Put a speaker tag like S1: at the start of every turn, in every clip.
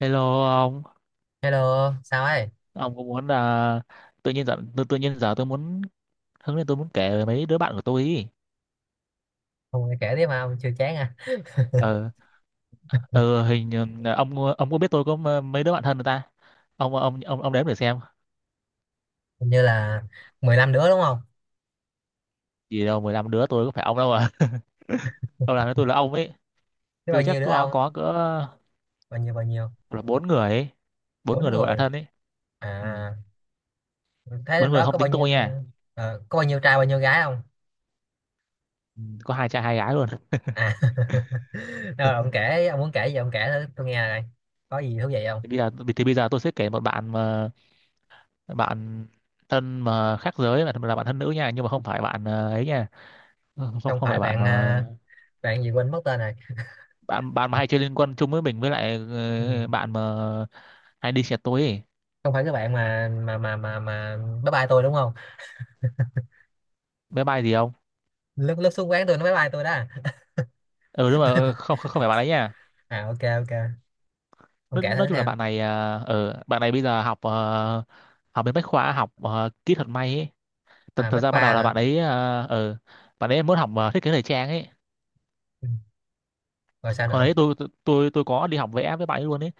S1: Hello ông,
S2: Hello, sao ấy?
S1: ông có muốn là tự nhiên giờ tự nhiên giờ tôi muốn hứng lên, tôi muốn kể về mấy đứa bạn của tôi ý.
S2: Ông nghe kể tiếp mà ông chưa chán à?
S1: Ờ ờ hình như- ông có biết tôi có mấy đứa bạn thân người ta. Ông đếm để xem.
S2: Hình như là 15 đứa đúng không?
S1: Chỉ đâu 15 đứa tôi có phải ông đâu mà. Ông làm với tôi là ông ấy.
S2: Thế bao
S1: Tôi chắc
S2: nhiêu đứa
S1: có
S2: ông?
S1: có cỡ
S2: Bao nhiêu bao nhiêu?
S1: là bốn người ấy. Bốn
S2: Bốn
S1: người được gọi là
S2: người.
S1: thân ấy. Ừ.
S2: À, thế
S1: Bốn
S2: trong
S1: người
S2: đó
S1: không
S2: có bao
S1: tính
S2: nhiêu
S1: tôi nha.
S2: có bao nhiêu trai bao nhiêu gái không?
S1: Ừ, có hai trai hai gái luôn.
S2: À. Rồi ông kể, ông muốn kể gì ông kể thử tôi nghe này, có gì thú vị không?
S1: Thì bây giờ thì bây giờ tôi sẽ kể một bạn mà bạn thân mà khác giới, là bạn thân nữ nha, nhưng mà không phải bạn ấy nha. Không
S2: Không
S1: không phải
S2: phải
S1: bạn
S2: bạn
S1: mà
S2: à, bạn gì quên mất tên rồi.
S1: bạn bạn mà hay chơi liên quân chung với mình, với lại
S2: Ừ.
S1: bạn mà hay đi xe tối ấy.
S2: Không phải cái bạn mà bye bye tôi đúng không?
S1: Bé bay gì không?
S2: Lúc lúc xuống quán tôi nó bye bye tôi đó.
S1: Ừ, đúng rồi. Ờ, không không không phải bạn ấy nha.
S2: À, ok ok. Ông
S1: nói,
S2: kể
S1: nói
S2: thử
S1: chung là
S2: xem.
S1: bạn này bạn này bây giờ học bên bách khoa, học kỹ thuật may ấy. thật,
S2: À,
S1: thật
S2: Bách
S1: ra
S2: Khoa
S1: ban đầu là
S2: hả?
S1: bạn ấy muốn học thiết kế thời trang ấy.
S2: Rồi sao
S1: Hồi
S2: nữa?
S1: đấy tôi, tôi có đi học vẽ với bạn ấy luôn ấy.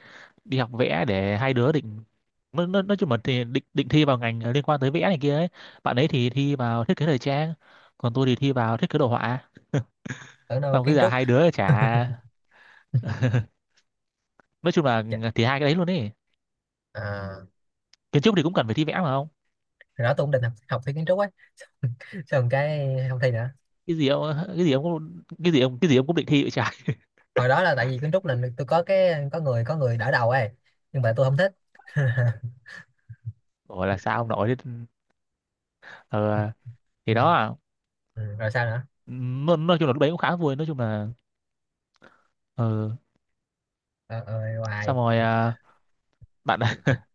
S1: Đi học vẽ để hai đứa định, nói chung là thì định định thi vào ngành liên quan tới vẽ này kia ấy. Bạn ấy thì thi vào thiết kế thời trang, còn tôi thì thi vào thiết kế đồ họa.
S2: Ở đâu,
S1: Xong cái
S2: kiến
S1: giờ
S2: trúc?
S1: hai đứa chả, nói chung là
S2: Chà,
S1: thì hai cái đấy luôn ấy.
S2: à,
S1: Kiến trúc thì cũng cần phải thi vẽ mà không?
S2: hồi đó tôi cũng định học, học thi kiến trúc ấy, xong cái không thi nữa.
S1: Cái gì ông cái gì ông cũng định thi vậy trời.
S2: Hồi đó là tại vì kiến trúc là tôi có cái có người đỡ đầu ấy, nhưng mà tôi không thích.
S1: Gọi là sao ông nội thế. ờ,
S2: Ừ,
S1: thì đó à.
S2: ừ, rồi sao nữa?
S1: Nói chung là lúc đấy cũng khá vui, nói chung là ờ,
S2: Ờ, hoài.
S1: xong rồi à. Bạn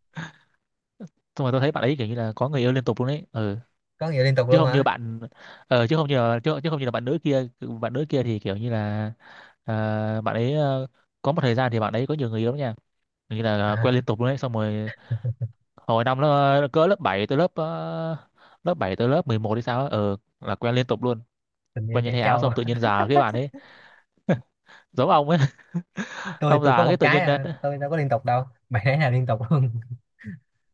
S1: xong rồi tôi thấy bạn ấy kiểu như là có người yêu liên tục luôn ấy. Ờ.
S2: Có người liên tục
S1: Chứ
S2: luôn
S1: không như
S2: hả?
S1: bạn, chứ không như, chứ không như là bạn nữ kia. Bạn nữ kia thì kiểu như là ờ, bạn ấy ờ, có một thời gian thì bạn ấy có nhiều người yêu lắm nha. Như là
S2: À,
S1: quen liên tục luôn đấy. Xong rồi hồi năm nó cỡ lớp 7 tới lớp 7 tới lớp 11 hay sao á, ờ là quen liên tục luôn.
S2: tình yêu
S1: Quen như
S2: trẻ
S1: thay áo,
S2: trâu.
S1: xong tự nhiên già cái bạn ấy giống ông ấy.
S2: tôi
S1: Xong
S2: tôi có
S1: già cái
S2: một
S1: tự
S2: cái
S1: nhiên
S2: à, tôi đâu có liên tục đâu, bạn ấy là liên tục luôn.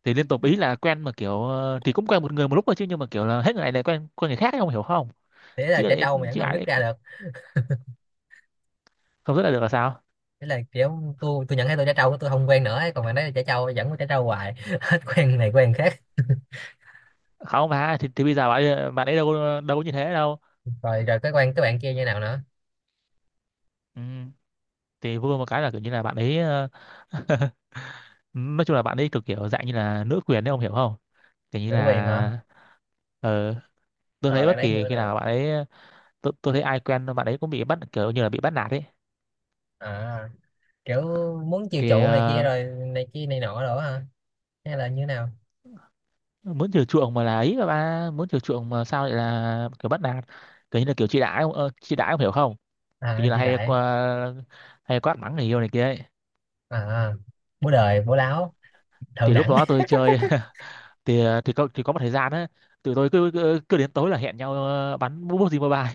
S1: thì liên tục ý là quen mà kiểu thì cũng quen một người một lúc thôi chứ, nhưng mà kiểu là hết người này lại quen quen người khác ấy, ông hiểu không?
S2: Thế là
S1: Chứ
S2: trẻ
S1: lại,
S2: trâu mà vẫn
S1: chứ
S2: không
S1: ai
S2: dứt
S1: đấy,
S2: ra được.
S1: không rất là được là sao.
S2: Thế là kiểu tôi nhận thấy tôi trẻ trâu tôi không quen nữa ấy. Còn bạn ấy là trẻ trâu vẫn có trẻ trâu hoài. Hết quen này quen khác.
S1: Không bà thì, bây giờ bạn bạn ấy đâu có như thế đâu.
S2: Rồi rồi cái quen các bạn kia như nào nữa?
S1: Ừ. Thì vui một cái là kiểu như là bạn ấy nói chung là bạn ấy cực kiểu dạng như là nữ quyền đấy, ông hiểu không? Kiểu như
S2: Nữ quyền hả?
S1: là ờ tôi
S2: Rồi
S1: thấy
S2: bạn
S1: bất
S2: ấy như
S1: kỳ
S2: thế
S1: khi
S2: nào?
S1: nào bạn ấy, tôi thấy ai quen bạn ấy cũng bị bắt, kiểu như là bị bắt nạt ấy.
S2: À, kiểu muốn chiều
S1: Thì
S2: chuộng này kia rồi này kia này nọ đó hả, hay là như thế nào?
S1: muốn chiều chuộng mà là ấy mà, ba muốn chiều chuộng mà sao lại là kiểu bắt nạt. Kiểu như là kiểu chị đã ông hiểu không. Kiểu như
S2: À,
S1: là
S2: chị đại.
S1: hay quát mắng người yêu này kia ấy.
S2: À, bố đời bố láo, thượng
S1: Thì lúc
S2: đẳng.
S1: đó tôi chơi, thì có một thời gian á, tụi tôi cứ, cứ cứ đến tối là hẹn nhau bắn bút gì mobile.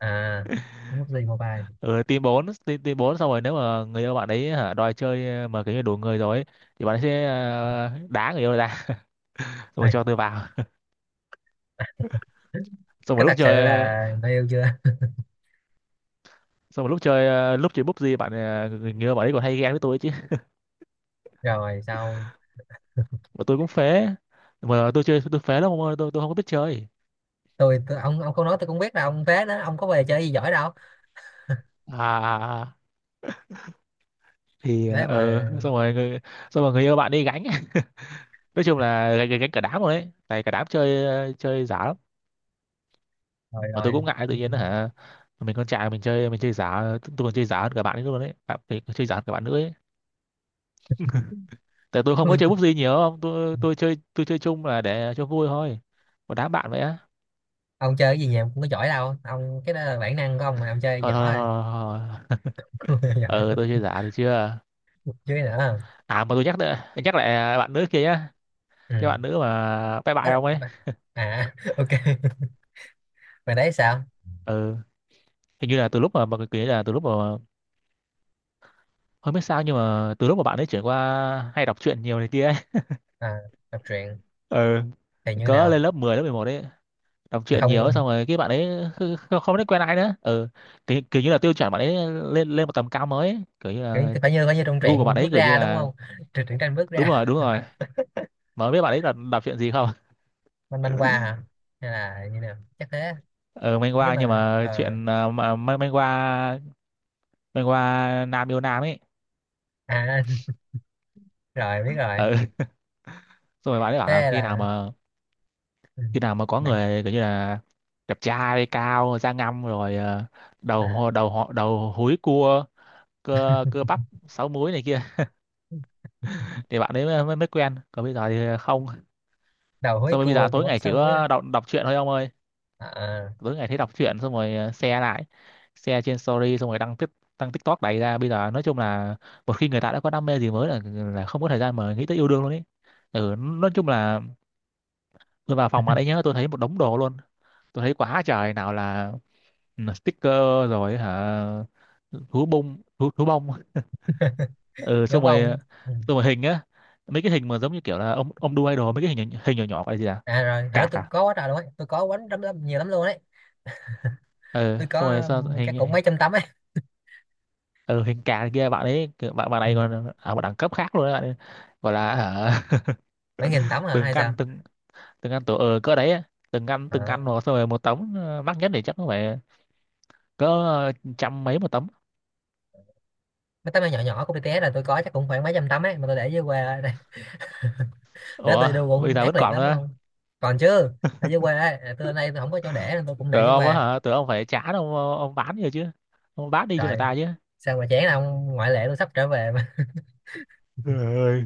S2: À, mút gì Mobile.
S1: Ở team bốn, team bốn, xong rồi nếu mà người yêu bạn ấy hả, đòi chơi mà kiểu như đủ người rồi ấy, thì bạn ấy sẽ đá người yêu ra. Xong
S2: Ê,
S1: rồi cho tôi vào. Xong
S2: có
S1: rồi lúc
S2: thật sự
S1: chơi,
S2: là người yêu chưa?
S1: xong rồi lúc chơi bút gì, người yêu bạn ấy còn hay ghen với tôi chứ.
S2: Rồi sao?
S1: Mà tôi cũng phế, mà tôi chơi tôi phế lắm không ơi, tôi không có biết chơi.
S2: Tôi ông không nói tôi cũng biết là ông phế đó, ông có về chơi gì giỏi đâu.
S1: À à, à. Thì
S2: Đấy
S1: ừ,
S2: mà.
S1: xong rồi người, xong rồi người, yêu bạn đi gánh. Nói chung là gánh cả đám rồi đấy, tại cả đám chơi chơi giả lắm.
S2: rồi
S1: Mà tôi
S2: rồi
S1: cũng ngại tự
S2: Ừ.
S1: nhiên đó hả, mình con trai mình chơi giả. Tôi còn chơi giả hơn cả bạn ấy luôn đấy, bạn mình còn chơi giả hơn cả bạn nữa ấy. Tại tôi không có chơi búp gì nhiều, không tôi chơi tôi chơi chung là để cho vui thôi. Một đám bạn vậy á.
S2: Ông chơi cái gì nhà cũng có giỏi đâu ông, cái đó là bản năng của ông mà ông chơi
S1: Thôi thôi
S2: giỏi.
S1: thôi, thôi, thôi.
S2: Rồi giỏi.
S1: Ờ tôi chơi giả được chưa.
S2: Chứ nữa.
S1: À mà tôi nhắc lại, nhắc lại bạn nữ kia nhá. Cái bạn
S2: Ừ.
S1: nữ mà bye bye
S2: Ê,
S1: không ấy.
S2: mà- à ok. Mày đấy sao?
S1: Ừ. Hình như là từ lúc mà cái kia, là từ lúc mà không biết sao, nhưng mà từ lúc mà bạn ấy chuyển qua hay đọc truyện nhiều này kia ấy.
S2: À, đọc truyện
S1: Ừ.
S2: thì như
S1: Có
S2: nào?
S1: lên lớp mười, lớp 11 đấy, đọc
S2: Là
S1: truyện
S2: không kiểu
S1: nhiều xong rồi cái bạn ấy không biết quen ai nữa. Ừ. Kiểu như là tiêu chuẩn bạn ấy lên lên một tầm cao mới ấy. Kiểu như là
S2: phải như trong
S1: gu của bạn
S2: truyện
S1: ấy
S2: bước
S1: kiểu như
S2: ra đúng
S1: là,
S2: không? Truyện truyện tranh bước
S1: đúng
S2: ra.
S1: rồi đúng rồi. Mà không biết bạn ấy là đọc truyện gì không.
S2: Manh manh qua hả, hay là như nào chắc thế.
S1: Ừ,
S2: Nếu
S1: manhwa nhưng
S2: mà
S1: mà chuyện mà manhwa. Manhwa nam yêu nam ấy.
S2: à rồi biết rồi.
S1: Ừ. Xong rồi bạn ấy bảo là
S2: Thế
S1: khi nào
S2: là
S1: mà,
S2: ừ,
S1: khi nào mà có
S2: bạn
S1: người kiểu như là đẹp trai, cao, da ngăm, rồi
S2: à,
S1: đầu hò- đầu họ đầu húi cua, cơ cơ bắp sáu múi này kia, thì bạn ấy mới mới mới quen, còn bây giờ thì không.
S2: đầu húi
S1: Xong rồi bây giờ
S2: cua cua
S1: tối
S2: bắp
S1: ngày chỉ
S2: sáu muối á.
S1: có đọc đọc truyện thôi ông ơi.
S2: À, à,
S1: Tối ngày thấy đọc truyện xong rồi share lại, share trên story, xong rồi đăng tiếp, đăng TikTok đầy ra bây giờ. Nói chung là một khi người ta đã có đam mê gì mới là không có thời gian mà nghĩ tới yêu đương luôn ấy. Ừ, nói chung là tôi vào phòng mà đấy nhá, tôi thấy một đống đồ luôn. Tôi thấy quá trời, nào là ừ, sticker rồi hả, thú bông, ừ,
S2: gấu
S1: xong rồi,
S2: bông á. Ừ.
S1: xong rồi hình á. Mấy cái hình mà giống như kiểu là ông đu idol, mấy cái hình hình nhỏ nhỏ gọi là gì à,
S2: À, rồi hồi đó
S1: cạc
S2: tôi
S1: à.
S2: có quá trời luôn ấy, tôi có quánh lắm, lắm nhiều lắm luôn đấy.
S1: Ừ,
S2: Tôi
S1: xong rồi
S2: có
S1: sao
S2: cái cũng
S1: hình.
S2: mấy trăm tấm ấy.
S1: Ừ, hình cà kia bạn ấy kiểu, bạn bạn
S2: Ừ.
S1: này còn ở một đẳng cấp khác luôn đấy bạn ấy. Gọi là hả,
S2: Mấy nghìn tấm hả
S1: từng
S2: hay sao?
S1: căn từng, từng căn tổ cỡ đấy á. Từng căn từng
S2: À,
S1: căn một, xong rồi một tấm mắc nhất thì chắc cũng phải cỡ trăm mấy một tấm.
S2: mấy tấm áo nhỏ nhỏ của BTS là tôi có chắc cũng khoảng mấy trăm tấm ấy mà tôi để dưới quê đây. Để
S1: Ủa,
S2: tôi đu
S1: bây
S2: cũng
S1: giờ
S2: ác
S1: vẫn
S2: liệt
S1: còn
S2: lắm
S1: nữa?
S2: không. Còn chứ. Ở dưới quê ấy, à, tôi đây tôi không có chỗ để nên tôi cũng để
S1: Tưởng
S2: dưới
S1: ông á
S2: quê.
S1: hả, tưởng ông phải trả, ông bán rồi chứ, ông bán đi cho người
S2: Trời,
S1: ta chứ.
S2: sao mà chán ông, ngoại lệ tôi sắp trở về mà.
S1: Trời ơi.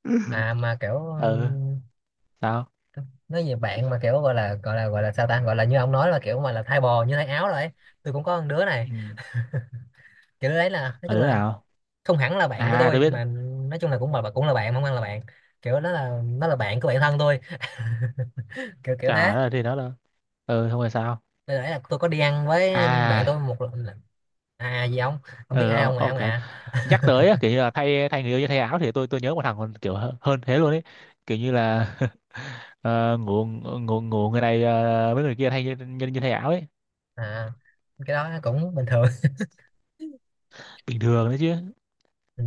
S2: À mà kiểu
S1: Ừ, sao?
S2: nói về bạn mà kiểu gọi là gọi là sao ta, gọi là như ông nói là kiểu mà là thay bò như thay áo rồi ấy. Tôi cũng có con đứa này.
S1: Ừ.
S2: Kiểu đứa đấy là nói
S1: Mà
S2: chung
S1: đứa
S2: là
S1: nào?
S2: không hẳn là bạn của
S1: À tôi
S2: tôi
S1: biết.
S2: mà, nói chung là cũng là cũng là bạn không ăn là bạn, kiểu đó là nó là bạn của bạn thân tôi. Kiểu kiểu
S1: Trời
S2: thế.
S1: ơi, thì nó là ừ không phải sao.
S2: Đây nãy là tôi có đi ăn với bạn
S1: À.
S2: tôi một lần là- à gì ông, không biết
S1: Ừ,
S2: ai không ạ
S1: ông
S2: ông
S1: cả
S2: à,
S1: nhắc tới á, kiểu như là thay thay người yêu cho thay áo thì tôi nhớ một thằng còn kiểu hơn thế luôn ấy. Kiểu như là ngủ ngủ ngủ người này với người kia, thay như thay áo ấy.
S2: à cái đó cũng bình thường.
S1: Bình thường đấy chứ.
S2: Ừ.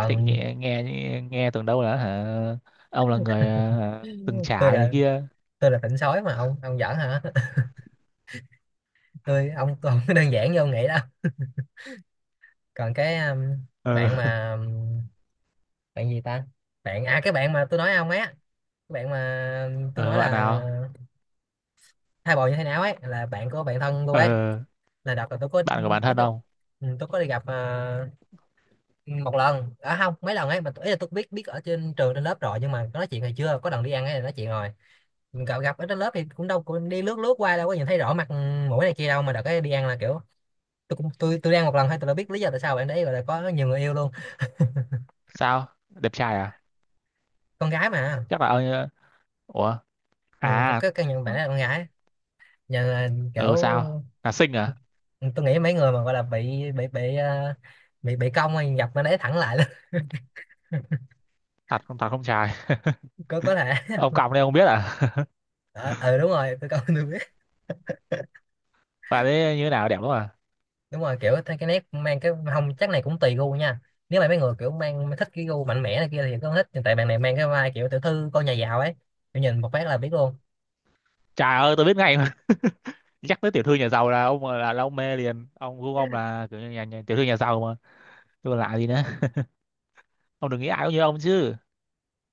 S1: Thì nghe, nghe tưởng đâu là hả, ông là người từng
S2: tôi
S1: trải này
S2: là
S1: kia.
S2: tôi là tỉnh sói mà ông giỡn hả. Tôi ông tôi không có đơn giản như ông nghĩ đâu. Còn cái bạn
S1: Ờ.
S2: mà bạn gì ta, bạn à cái bạn mà tôi nói ông ấy á, cái bạn mà tôi nói
S1: ờ, Bạn
S2: là
S1: nào?
S2: thai bồ như thế nào ấy là bạn của bạn thân tôi ấy.
S1: ờ
S2: Là đợt là tôi có
S1: Bạn của bản
S2: ít
S1: thân
S2: tôi
S1: ông.
S2: ừ, tôi có đi gặp ừ, một lần à không mấy lần ấy mà, ý là tôi biết biết ở trên trường trên lớp rồi nhưng mà có nói chuyện hay chưa, có lần đi ăn ấy là nói chuyện rồi. Gặp gặp ở trên lớp thì cũng đâu cũng đi lướt lướt qua đâu có nhìn thấy rõ mặt mũi này kia đâu, mà đợt cái đi ăn là kiểu tôi cũng tôi đi ăn một lần thôi tôi đã biết lý do tại sao bạn đấy gọi là có nhiều người yêu luôn.
S1: Sao đẹp trai à?
S2: Con gái mà.
S1: Chắc là ông ủa.
S2: Ừ, có
S1: À.
S2: cái căn nhận bạn ấy là con gái. Nhờ là kiểu
S1: Ừ, sao là xinh à?
S2: tôi nghĩ mấy người mà gọi là bị ờ, bị cong thì gặp bạn ấy thẳng lại luôn.
S1: Thật không trai.
S2: Có thể.
S1: Ông còng đây ông biết à.
S2: Ờ ừ, đúng rồi tôi cong tôi biết.
S1: Bà đấy như thế nào, đẹp lắm à?
S2: Đúng rồi kiểu cái nét mang cái không chắc này cũng tùy gu nha. Nếu mà mấy người kiểu mang thích cái gu mạnh mẽ này kia thì có thích, nhưng tại bạn này mang cái vai kiểu tiểu thư con nhà giàu ấy, kiểu nhìn một phát là biết luôn.
S1: Trời ơi, tôi biết ngay mà. Nhắc tới tiểu thư nhà giàu là ông, là ông mê liền. Ông gu ông là kiểu như nhà tiểu thư nhà giàu mà, tôi còn lạ gì nữa. Ông đừng nghĩ ai cũng như ông chứ.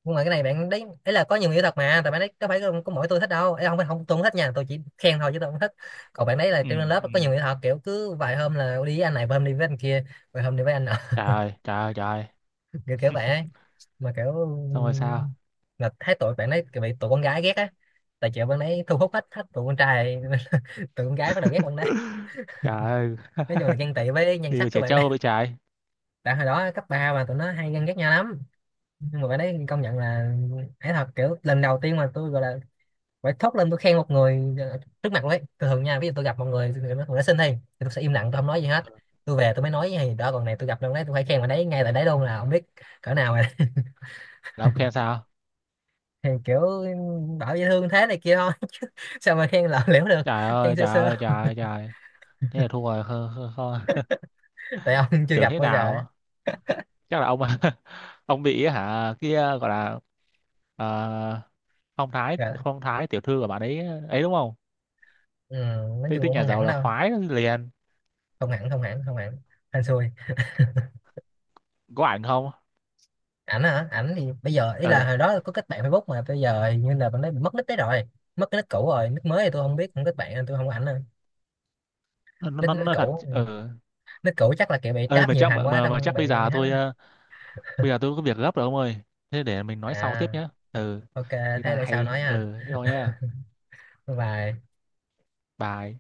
S2: Nhưng mà cái này bạn đấy ấy là có nhiều người thật mà, tại bạn đấy có phải có mỗi tôi thích đâu ấy, không phải không tôi không thích nha, tôi chỉ khen thôi chứ tôi không thích. Còn bạn đấy là
S1: Ừ,
S2: trên lớp
S1: ừ.
S2: có nhiều người thật, kiểu cứ vài hôm là đi với anh này, vài hôm đi với anh kia, vài hôm đi với anh nọ.
S1: Trời ơi, trời ơi, trời ơi.
S2: Kiểu kiểu vậy ấy. Mà kiểu
S1: Xong rồi sao.
S2: là thấy tụi bạn đấy bị tụi con gái ghét á, tại chợ bạn đấy thu hút hết hết tụi con trai. Tụi con gái bắt đầu ghét bạn đấy,
S1: Trời ơi.
S2: nói chung là ghen tị với nhan
S1: Đi về
S2: sắc các
S1: trẻ
S2: bạn đấy.
S1: trâu với trái.
S2: Tại hồi đó cấp 3 mà tụi nó hay ganh ghét nhau lắm. Nhưng mà bạn đấy công nhận là ấy thật, kiểu lần đầu tiên mà tôi gọi là phải thốt lên tôi khen một người trước mặt luôn ấy. Thường thường nha, ví dụ tôi gặp một người người nó xinh thì, tôi sẽ im lặng tôi không nói gì hết, tôi về tôi mới nói gì đó, còn này tôi gặp đâu đấy tôi phải khen bạn đấy ngay tại đấy luôn là không biết cỡ nào rồi.
S1: Là ông khen sao?
S2: Thì kiểu bảo dễ thương thế này kia thôi. Sao mà khen lỏng liễu được,
S1: Trời
S2: khen
S1: ơi,
S2: sơ
S1: trời
S2: sơ.
S1: ơi, trời ơi, trời ơi. Thế là thua rồi. Không, không, không.
S2: Tại ông chưa
S1: Tưởng
S2: gặp
S1: thế
S2: bao giờ ấy.
S1: nào. Chắc là ông ông bị hả kia, gọi là ờ, phong thái,
S2: Rồi,
S1: phong thái tiểu thư của bạn ấy ấy, đúng không.
S2: ừ, nói
S1: Thế
S2: chung
S1: thích
S2: cũng
S1: nhà
S2: không
S1: giàu
S2: hẳn
S1: là
S2: đâu.
S1: khoái liền.
S2: Không hẳn không hẳn, hên xui.
S1: Có ảnh không?
S2: Ảnh hả, ảnh thì bây giờ ý là
S1: ờ
S2: hồi đó có kết bạn Facebook mà bây giờ hình như là bạn ấy bị mất nick đấy rồi. Mất cái nick cũ rồi, nick mới thì tôi không biết không kết bạn nên tôi không có ảnh nữa.
S1: nó,
S2: Nick
S1: nó,
S2: nick
S1: nó thật
S2: cũ, nick cũ chắc là kiểu bị
S1: ơi.
S2: trap
S1: Mà
S2: nhiều
S1: chắc
S2: thằng
S1: mà,
S2: quá
S1: mà, mà
S2: xong
S1: chắc
S2: bị
S1: bây giờ
S2: hết
S1: tôi
S2: á.
S1: bây giờ tôi có việc gấp rồi ông ơi. Thế để mình nói sau tiếp
S2: À,
S1: nhé. Ờ
S2: ok,
S1: Thế
S2: thế
S1: đang
S2: để sau
S1: hay
S2: nói nha,
S1: thế thôi nhá.
S2: bye bye.
S1: Bye.